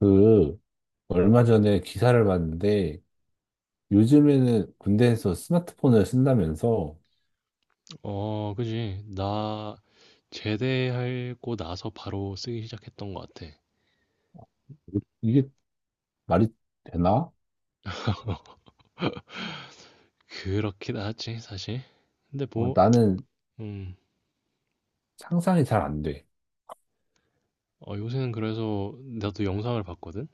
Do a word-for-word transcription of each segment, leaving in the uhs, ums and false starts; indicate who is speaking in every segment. Speaker 1: 그, 얼마 전에 기사를 봤는데, 요즘에는 군대에서 스마트폰을 쓴다면서,
Speaker 2: 어, 그지. 나 제대하고 나서 바로 쓰기 시작했던 것 같아.
Speaker 1: 이게 말이 되나?
Speaker 2: 그렇긴 하지, 사실. 근데
Speaker 1: 어,
Speaker 2: 뭐,
Speaker 1: 나는
Speaker 2: 음,
Speaker 1: 상상이 잘 안 돼.
Speaker 2: 어, 요새는 그래서 나도 영상을 봤거든?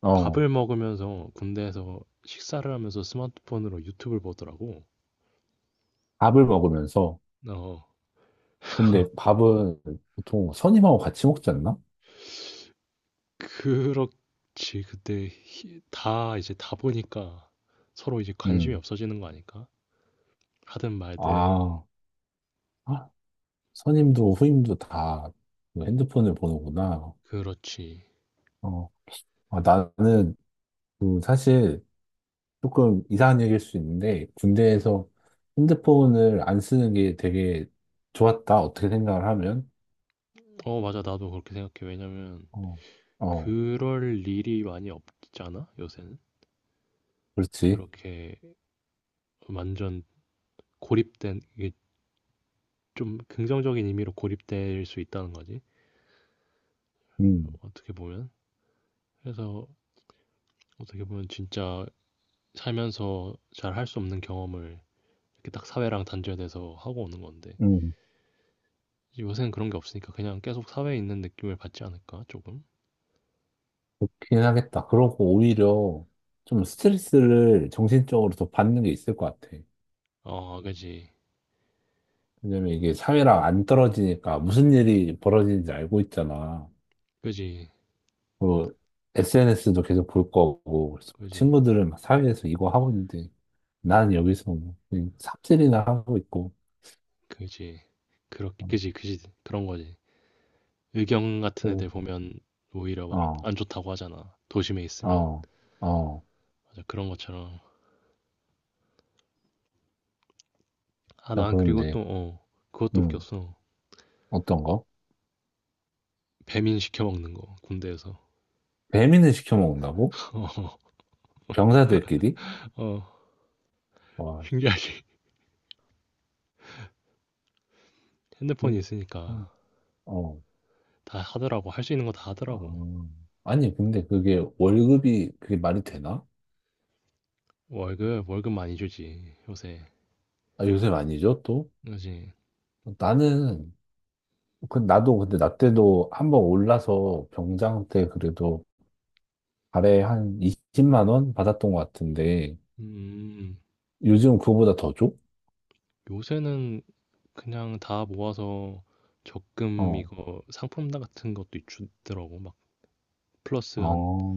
Speaker 1: 어,
Speaker 2: 밥을 먹으면서 군대에서 식사를 하면서 스마트폰으로 유튜브를 보더라고.
Speaker 1: 밥을 먹으면서.
Speaker 2: 어,
Speaker 1: 근데 밥은 보통 선임하고 같이 먹지 않나?
Speaker 2: 그렇지. 그때 히- 다 이제 다 보니까 서로 이제 관심이
Speaker 1: 음.
Speaker 2: 없어지는 거 아닐까? 하든 말든,
Speaker 1: 아, 아, 선임도 후임도 다 그 핸드폰을 보는구나.
Speaker 2: 그렇지.
Speaker 1: 어, 아, 나는 그 사실 조금 이상한 얘기일 수 있는데,
Speaker 2: 어,
Speaker 1: 군대에서 핸드폰을 안 쓰는 게 되게 좋았다. 어떻게 생각을 하면.
Speaker 2: 어, 맞아. 나도 그렇게 생각해. 왜냐면,
Speaker 1: 어, 어,
Speaker 2: 그럴 일이 많이 없잖아, 요새는.
Speaker 1: 그렇지.
Speaker 2: 그렇게 완전 고립된, 이게 좀 긍정적인 의미로 고립될 수 있다는 거지.
Speaker 1: 음,
Speaker 2: 어떻게 보면. 그래서 어떻게 보면 진짜 살면서 잘 할 수 없는 경험을 이렇게 딱 사회랑 단절돼서 하고 오는 건데.
Speaker 1: 음,
Speaker 2: 요새는 그런 게 없으니까 그냥 계속 사회에 있는 느낌을 받지 않을까, 조금?
Speaker 1: 그렇긴 하겠다. 그러고 오히려 좀 스트레스를 정신적으로 더 받는 게 있을 것 같아.
Speaker 2: 어, 그지.
Speaker 1: 왜냐면 이게 사회랑 안 떨어지니까 무슨 일이 벌어지는지 알고 있잖아.
Speaker 2: 그지.
Speaker 1: 그 에스엔에스도 계속 볼 거고, 그래서
Speaker 2: 그지.
Speaker 1: 친구들은 막 사회에서 이거 하고 있는데, 나는 여기서 뭐 그냥 삽질이나 하고 있고.
Speaker 2: 그지. 그렇게,
Speaker 1: 어.
Speaker 2: 그지. 그지. 그런 거지. 의경 같은
Speaker 1: 음.
Speaker 2: 애들 보면 오히려 막
Speaker 1: 어,
Speaker 2: 안 좋다고 하잖아. 도심에 있으면.
Speaker 1: 어, 어.
Speaker 2: 맞아, 그런 것처럼. 아,
Speaker 1: 나
Speaker 2: 난 그리고
Speaker 1: 그런데,
Speaker 2: 또, 어, 그것도
Speaker 1: 음,
Speaker 2: 웃겼어.
Speaker 1: 어떤 거?
Speaker 2: 배민 시켜 먹는 거, 군대에서.
Speaker 1: 배민을 시켜 먹는다고? 병사들끼리?
Speaker 2: 어, 어,
Speaker 1: 와,
Speaker 2: 신기하지. 핸드폰이
Speaker 1: 이게
Speaker 2: 있으니까
Speaker 1: 참, 어,
Speaker 2: 다 하더라고. 할 수 있는 거 다 하더라고.
Speaker 1: 어. 아니, 근데 그게 월급이 그게 말이 되나?
Speaker 2: 월급, 월급 많이 주지, 요새.
Speaker 1: 아, 요새 많이 줘, 또?
Speaker 2: 그지?
Speaker 1: 나는, 그, 나도 근데 나 때도 한번 올라서 병장 때 그래도 달에 한 이십만 원 받았던 것 같은데,
Speaker 2: 음,
Speaker 1: 요즘 그거보다 더 줘?
Speaker 2: 요새는 그냥 다 모아서 적금
Speaker 1: 어,
Speaker 2: 이거 상품 같은 것도 주더라고. 막 플러스 한
Speaker 1: 어,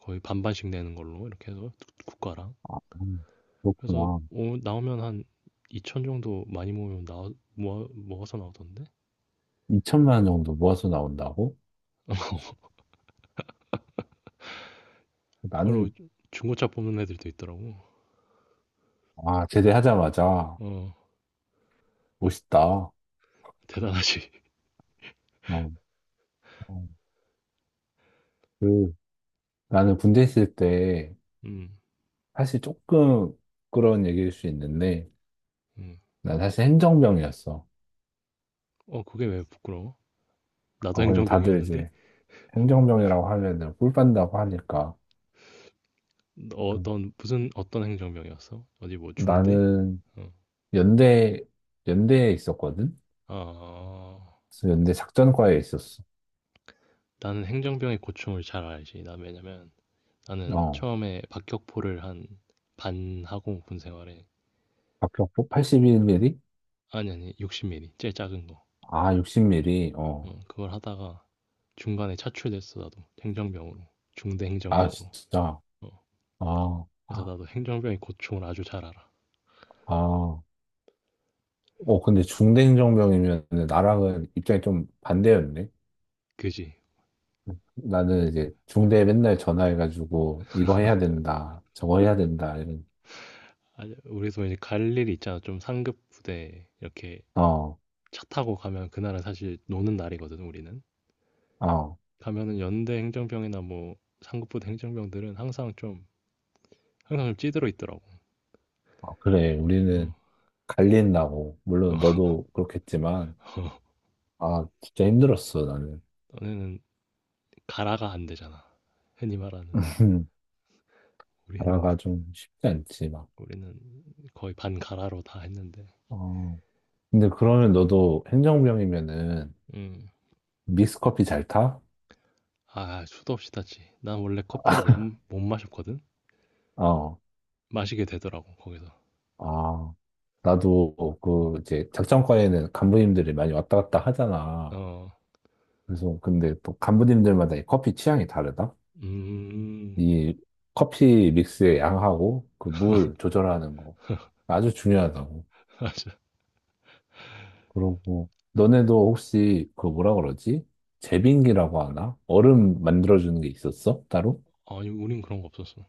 Speaker 2: 거의 반반씩 내는 걸로 이렇게 해서 국- 가랑
Speaker 1: 음,
Speaker 2: 그래서
Speaker 1: 그렇구나.
Speaker 2: 오- 나오면 한 이천 정도 많이 모으면 나 모아, 모아서 나오던데
Speaker 1: 이천만 원 정도 모아서 나온다고? 어,
Speaker 2: 그걸로
Speaker 1: 나는,
Speaker 2: 중고차 뽑는 애들도 있더라고.
Speaker 1: 아, 제대하자마자,
Speaker 2: 어,
Speaker 1: 멋있다. 어,
Speaker 2: 대단하지.
Speaker 1: 어, 그, 나는 군대 있을 때,
Speaker 2: 음,
Speaker 1: 사실 조금 부끄러운 얘기일 수 있는데,
Speaker 2: 음.
Speaker 1: 난 사실 행정병이었어.
Speaker 2: 어, 그게 왜 부끄러워. 나도
Speaker 1: 어, 근데 다들
Speaker 2: 행정병이었는데.
Speaker 1: 이제 행정병이라고 하면은 꿀 빤다고 하니까.
Speaker 2: 어,
Speaker 1: 그,
Speaker 2: 넌 무슨 어떤 행정병이었어? 어디 뭐 중대.
Speaker 1: 나는
Speaker 2: 어.
Speaker 1: 연대, 연대에 있었거든?
Speaker 2: 아,
Speaker 1: 그래서 연대 작전과에 있었어.
Speaker 2: 나는 행정병의 고충을 잘 알지. 나 왜냐면 나는
Speaker 1: 어,
Speaker 2: 처음에 박격포를 한 반 하고 군 생활에
Speaker 1: 박격포 팔십일 밀리미터?
Speaker 2: 아니 아니 육십 밀리 제일 작은.
Speaker 1: 아, 육십 밀리미터? 어,
Speaker 2: 어, 그걸 하다가 중간에 차출됐어, 나도. 행정병으로. 중대
Speaker 1: 아,
Speaker 2: 행정병으로.
Speaker 1: 진짜.
Speaker 2: 어.
Speaker 1: 아,
Speaker 2: 그래서
Speaker 1: 아,
Speaker 2: 나도 행정병의 고충을 아주 잘 알아.
Speaker 1: 아. 어, 근데 중대행정병이면
Speaker 2: 음,
Speaker 1: 나랑은 입장이 좀 반대였네.
Speaker 2: 그지.
Speaker 1: 나는 이제 중대에 맨날 전화해가지고 이거 해야 된다, 저거 해야 된다, 이런.
Speaker 2: 아, 우리도 이제 갈 일이 있잖아. 좀 상급 부대 이렇게
Speaker 1: 어,
Speaker 2: 차 타고 가면 그날은 사실 노는 날이거든, 우리는.
Speaker 1: 어,
Speaker 2: 가면은 연대 행정병이나 뭐 상급 부대 행정병들은 항상 좀, 항상 좀 찌들어 있더라고.
Speaker 1: 어, 그래.
Speaker 2: 어,
Speaker 1: 우리는 갈린다고. 물론
Speaker 2: 어,
Speaker 1: 너도 그렇겠지만, 아, 진짜 힘들었어, 나는.
Speaker 2: 너네는 가라가 안 되잖아. 흔히 말하는. 우리는,
Speaker 1: 나라가 좀 쉽지 않지, 막.
Speaker 2: 우리는 거의 반 가라로 다 했는데.
Speaker 1: 어. 근데 그러면 너도 행정병이면은
Speaker 2: 음.
Speaker 1: 믹스커피 잘 타?
Speaker 2: 아, 수도 없이 탔지. 난 원래 커피를 못 못 마셨거든.
Speaker 1: 어.
Speaker 2: 마시게 되더라고 거기서.
Speaker 1: 아, 나도 그 이제 작전과에는 간부님들이 많이 왔다 갔다
Speaker 2: 어.
Speaker 1: 하잖아.
Speaker 2: 어.
Speaker 1: 그래서 근데 또 간부님들마다 이 커피 취향이 다르다.
Speaker 2: 음.
Speaker 1: 이 커피 믹스의 양하고 그 물 조절하는 거 아주 중요하다고. 그러고 너네도 혹시 그 뭐라 그러지? 제빙기라고 하나? 얼음 만들어주는 게 있었어? 따로?
Speaker 2: 아니 우린 그런 거 없었어.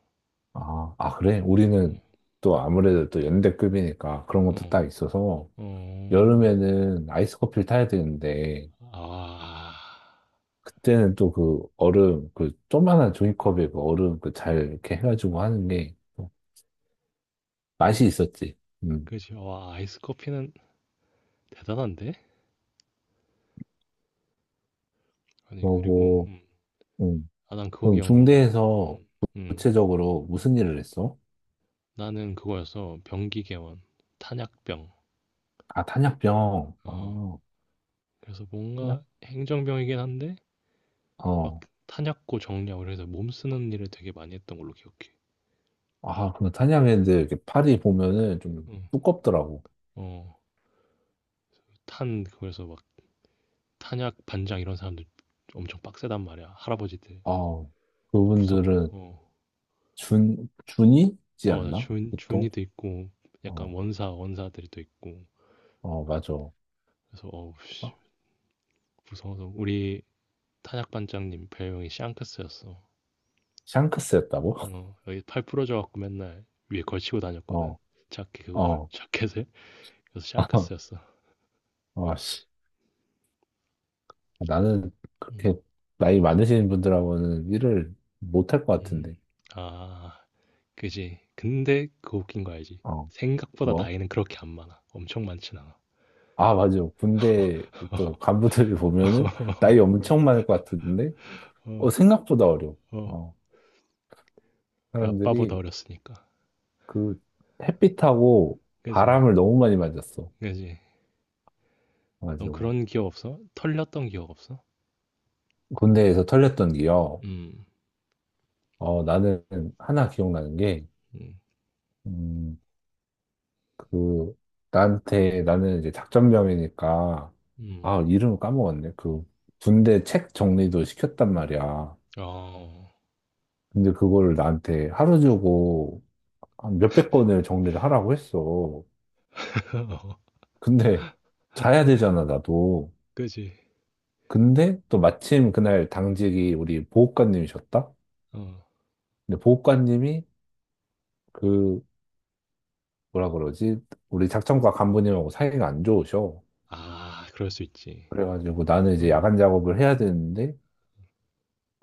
Speaker 1: 아, 아, 그래?
Speaker 2: 응.
Speaker 1: 우리는 또 아무래도 또 연대급이니까 그런 것도 딱
Speaker 2: 어.
Speaker 1: 있어서
Speaker 2: 어.
Speaker 1: 여름에는 아이스 커피를 타야 되는데
Speaker 2: 아.
Speaker 1: 그때는 또 그 얼음, 그 조그만한 종이컵에 그 얼음 그 잘 이렇게 해가지고 하는 게또 맛이 있었지. 음.
Speaker 2: 그지. 와, 아이스 커피는 대단한데? 아니 그리고
Speaker 1: 그러고,
Speaker 2: 음.
Speaker 1: 음.
Speaker 2: 아, 난 그거
Speaker 1: 그럼
Speaker 2: 기억난다.
Speaker 1: 중대에서
Speaker 2: 음. 음.
Speaker 1: 구체적으로 무슨 일을 했어?
Speaker 2: 나는 그거였어. 병기계원. 탄약병.
Speaker 1: 아, 탄약병.
Speaker 2: 어.
Speaker 1: 아,
Speaker 2: 그래서
Speaker 1: 탄약?
Speaker 2: 뭔가 행정병이긴 한데 막
Speaker 1: 어.
Speaker 2: 탄약고 정리하고 그래서 몸 쓰는 일을 되게 많이 했던 걸로 기억해.
Speaker 1: 아, 근데 탄약애들 이렇게 팔이 보면은 좀
Speaker 2: 어.
Speaker 1: 두껍더라고.
Speaker 2: 어, 탄, 그래서 막 탄약 반장 이런 사람들 엄청 빡세단 말이야. 할아버지들.
Speaker 1: 아,
Speaker 2: 무서워.
Speaker 1: 그분들은
Speaker 2: 어,
Speaker 1: 준, 준이지
Speaker 2: 어 맞아.
Speaker 1: 않나?
Speaker 2: 준,
Speaker 1: 보통?
Speaker 2: 준이도 있고, 약간
Speaker 1: 어,
Speaker 2: 원사, 원사들이 또 있고.
Speaker 1: 어, 맞아. 어,
Speaker 2: 그래서, 어우, 씨, 무서워서. 우리 탄약 반장님 별명이 샹크스였어.
Speaker 1: 샹크스였다고?
Speaker 2: 어, 여기 팔 부러져갖고 맨날 위에 걸치고 다녔거든.
Speaker 1: 어,
Speaker 2: 자켓 그거,
Speaker 1: 어.
Speaker 2: 자켓을. 그래서 샹크스였어.
Speaker 1: 어, 나는
Speaker 2: 음,
Speaker 1: 그렇게 나이 많으신 분들하고는 일을 못 할 것
Speaker 2: 음.
Speaker 1: 같은데.
Speaker 2: 아, 그지. 근데 그 웃긴 거 알지?
Speaker 1: 어,
Speaker 2: 생각보다
Speaker 1: 뭐?
Speaker 2: 나이는 그렇게 안 많아. 엄청 많진 않아.
Speaker 1: 아, 맞아. 군대 또 간부들이 보면은 나이 엄청 많을 것 같은데,
Speaker 2: 어,
Speaker 1: 어, 생각보다 어려워.
Speaker 2: 어,
Speaker 1: 어,
Speaker 2: 우리 아빠보다
Speaker 1: 사람들이
Speaker 2: 어렸으니까.
Speaker 1: 그 햇빛하고
Speaker 2: 그지,
Speaker 1: 바람을 너무 많이 맞았어.
Speaker 2: 그지. 넌
Speaker 1: 가지고
Speaker 2: 그런 기억 없어? 털렸던 기억 없어?
Speaker 1: 군대에서 털렸던 기억.
Speaker 2: 음,
Speaker 1: 어, 나는 하나 기억나는 게,
Speaker 2: 음,
Speaker 1: 음, 그 나한테 나는 이제 작전병이니까
Speaker 2: 음.
Speaker 1: 아 이름을 까먹었네. 그 군대 책 정리도 시켰단 말이야.
Speaker 2: 어,
Speaker 1: 근데 그거를 나한테 하루 주고 한 몇백 권을 정리를 하라고 했어. 근데 자야 되잖아 나도.
Speaker 2: 그지.
Speaker 1: 근데 또 마침 그날 당직이 우리 보호관님이셨다.
Speaker 2: 어,
Speaker 1: 근데 보호관님이 그 뭐라 그러지? 우리 작전과 간부님하고 사이가 안 좋으셔.
Speaker 2: 아, 그럴 수 있지.
Speaker 1: 그래가지고 나는 이제
Speaker 2: 어,
Speaker 1: 야간 작업을 해야 되는데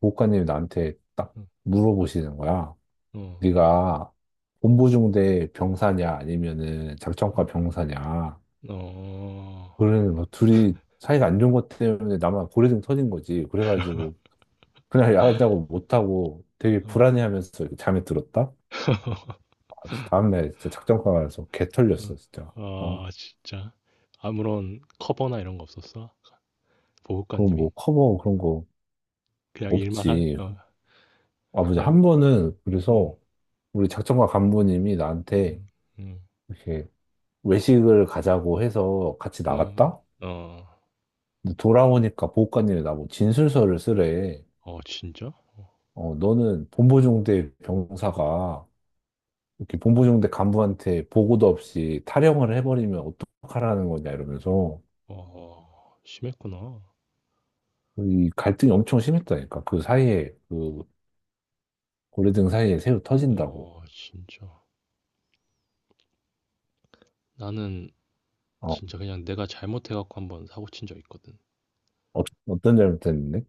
Speaker 1: 보호관님이 나한테 딱
Speaker 2: 어,
Speaker 1: 물어보시는 거야.
Speaker 2: 어,
Speaker 1: 네가 본부중대 병사냐 아니면은 작전과
Speaker 2: 음,
Speaker 1: 병사냐.
Speaker 2: 어,
Speaker 1: 그러는 뭐 둘이 사이가 안 좋은 것 때문에 나만 고래등 터진 거지. 그래가지고 그날 야간 작업 못하고 되게
Speaker 2: 어,
Speaker 1: 불안해하면서 이렇게 잠에 들었다. 아, 진짜 다음날 진짜 작전과 가서 개 털렸어 진짜.
Speaker 2: 어.
Speaker 1: 아,
Speaker 2: 아, 진짜. 아무런 커버나 이런 거 없었어?
Speaker 1: 그거
Speaker 2: 보호관님이?
Speaker 1: 뭐 커버 그런 거
Speaker 2: 그냥 일만 한,
Speaker 1: 없지.
Speaker 2: 어,
Speaker 1: 아버지
Speaker 2: 그냥,
Speaker 1: 한 번은
Speaker 2: 음,
Speaker 1: 그래서 우리 작전과 간부님이 나한테
Speaker 2: 음, 음.
Speaker 1: 이렇게 외식을 가자고 해서 같이
Speaker 2: 어,
Speaker 1: 나갔다?
Speaker 2: 어,
Speaker 1: 근데 돌아오니까 보호관님이 나보고 진술서를 쓰래.
Speaker 2: 어, 진짜?
Speaker 1: 어, 너는 본부중대 병사가 이렇게 본부중대 간부한테 보고도 없이 탈영을 해버리면 어떡하라는 거냐 이러면서
Speaker 2: 와, 심했구나.
Speaker 1: 이 갈등이 엄청 심했다니까. 그 사이에 그 고래등 사이에 새우 터진다고.
Speaker 2: 와, 진짜. 나는
Speaker 1: 어,
Speaker 2: 진짜 그냥 내가 잘못해갖고 한번 사고 친 적 있거든.
Speaker 1: 어, 어떤 잘못했는데?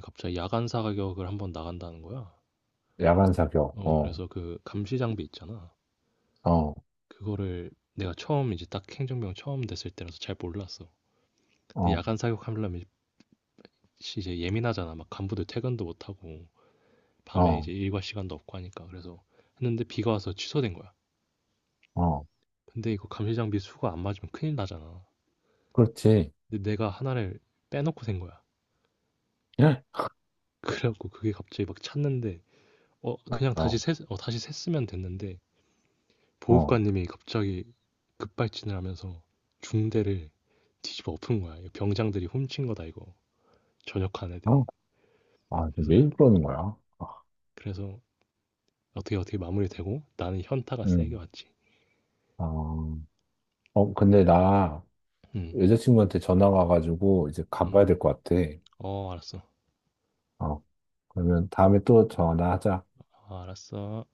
Speaker 2: 갑자기 야간사 격을 한번 나간다는 거야.
Speaker 1: 야간 사격.
Speaker 2: 어,
Speaker 1: 어,
Speaker 2: 그래서 그 감시 장비 있잖아.
Speaker 1: 어,
Speaker 2: 그거를 내가 처음 이제 딱 행정병 처음 됐을 때라서 잘 몰랐어. 근데
Speaker 1: 어,
Speaker 2: 야간 사격하려면 이제 예민하잖아. 막 간부들 퇴근도 못하고 밤에
Speaker 1: 어,
Speaker 2: 이제 일과 시간도 없고 하니까. 그래서 했는데 비가 와서 취소된 거야.
Speaker 1: 어.
Speaker 2: 근데 이거 감시 장비 수가 안 맞으면 큰일 나잖아.
Speaker 1: 그렇지.
Speaker 2: 근데 내가 하나를 빼놓고 산 거야.
Speaker 1: 예?
Speaker 2: 그래갖고 그게 갑자기 막 찾는데 어 그냥 다시
Speaker 1: 어,
Speaker 2: 샜, 어 다시 샜으면 됐는데
Speaker 1: 어,
Speaker 2: 보호관님이 갑자기 급발진을 하면서 중대를 뒤집어 엎은 거야. 이거 병장들이 훔친 거다 이거. 전역한 애들이.
Speaker 1: 어. 아,
Speaker 2: 그래서
Speaker 1: 왜 그러는 거야? 아.
Speaker 2: 그래서 어떻게 어떻게 마무리되고 나는 현타가 세게
Speaker 1: 음.
Speaker 2: 왔지.
Speaker 1: 아, 어, 근데 나
Speaker 2: 음.
Speaker 1: 여자친구한테 전화 와가지고 이제 가봐야
Speaker 2: 음.
Speaker 1: 될 것 같아.
Speaker 2: 어, 알았어.
Speaker 1: 어, 그러면 다음에 또 전화하자.
Speaker 2: 어, 알았어.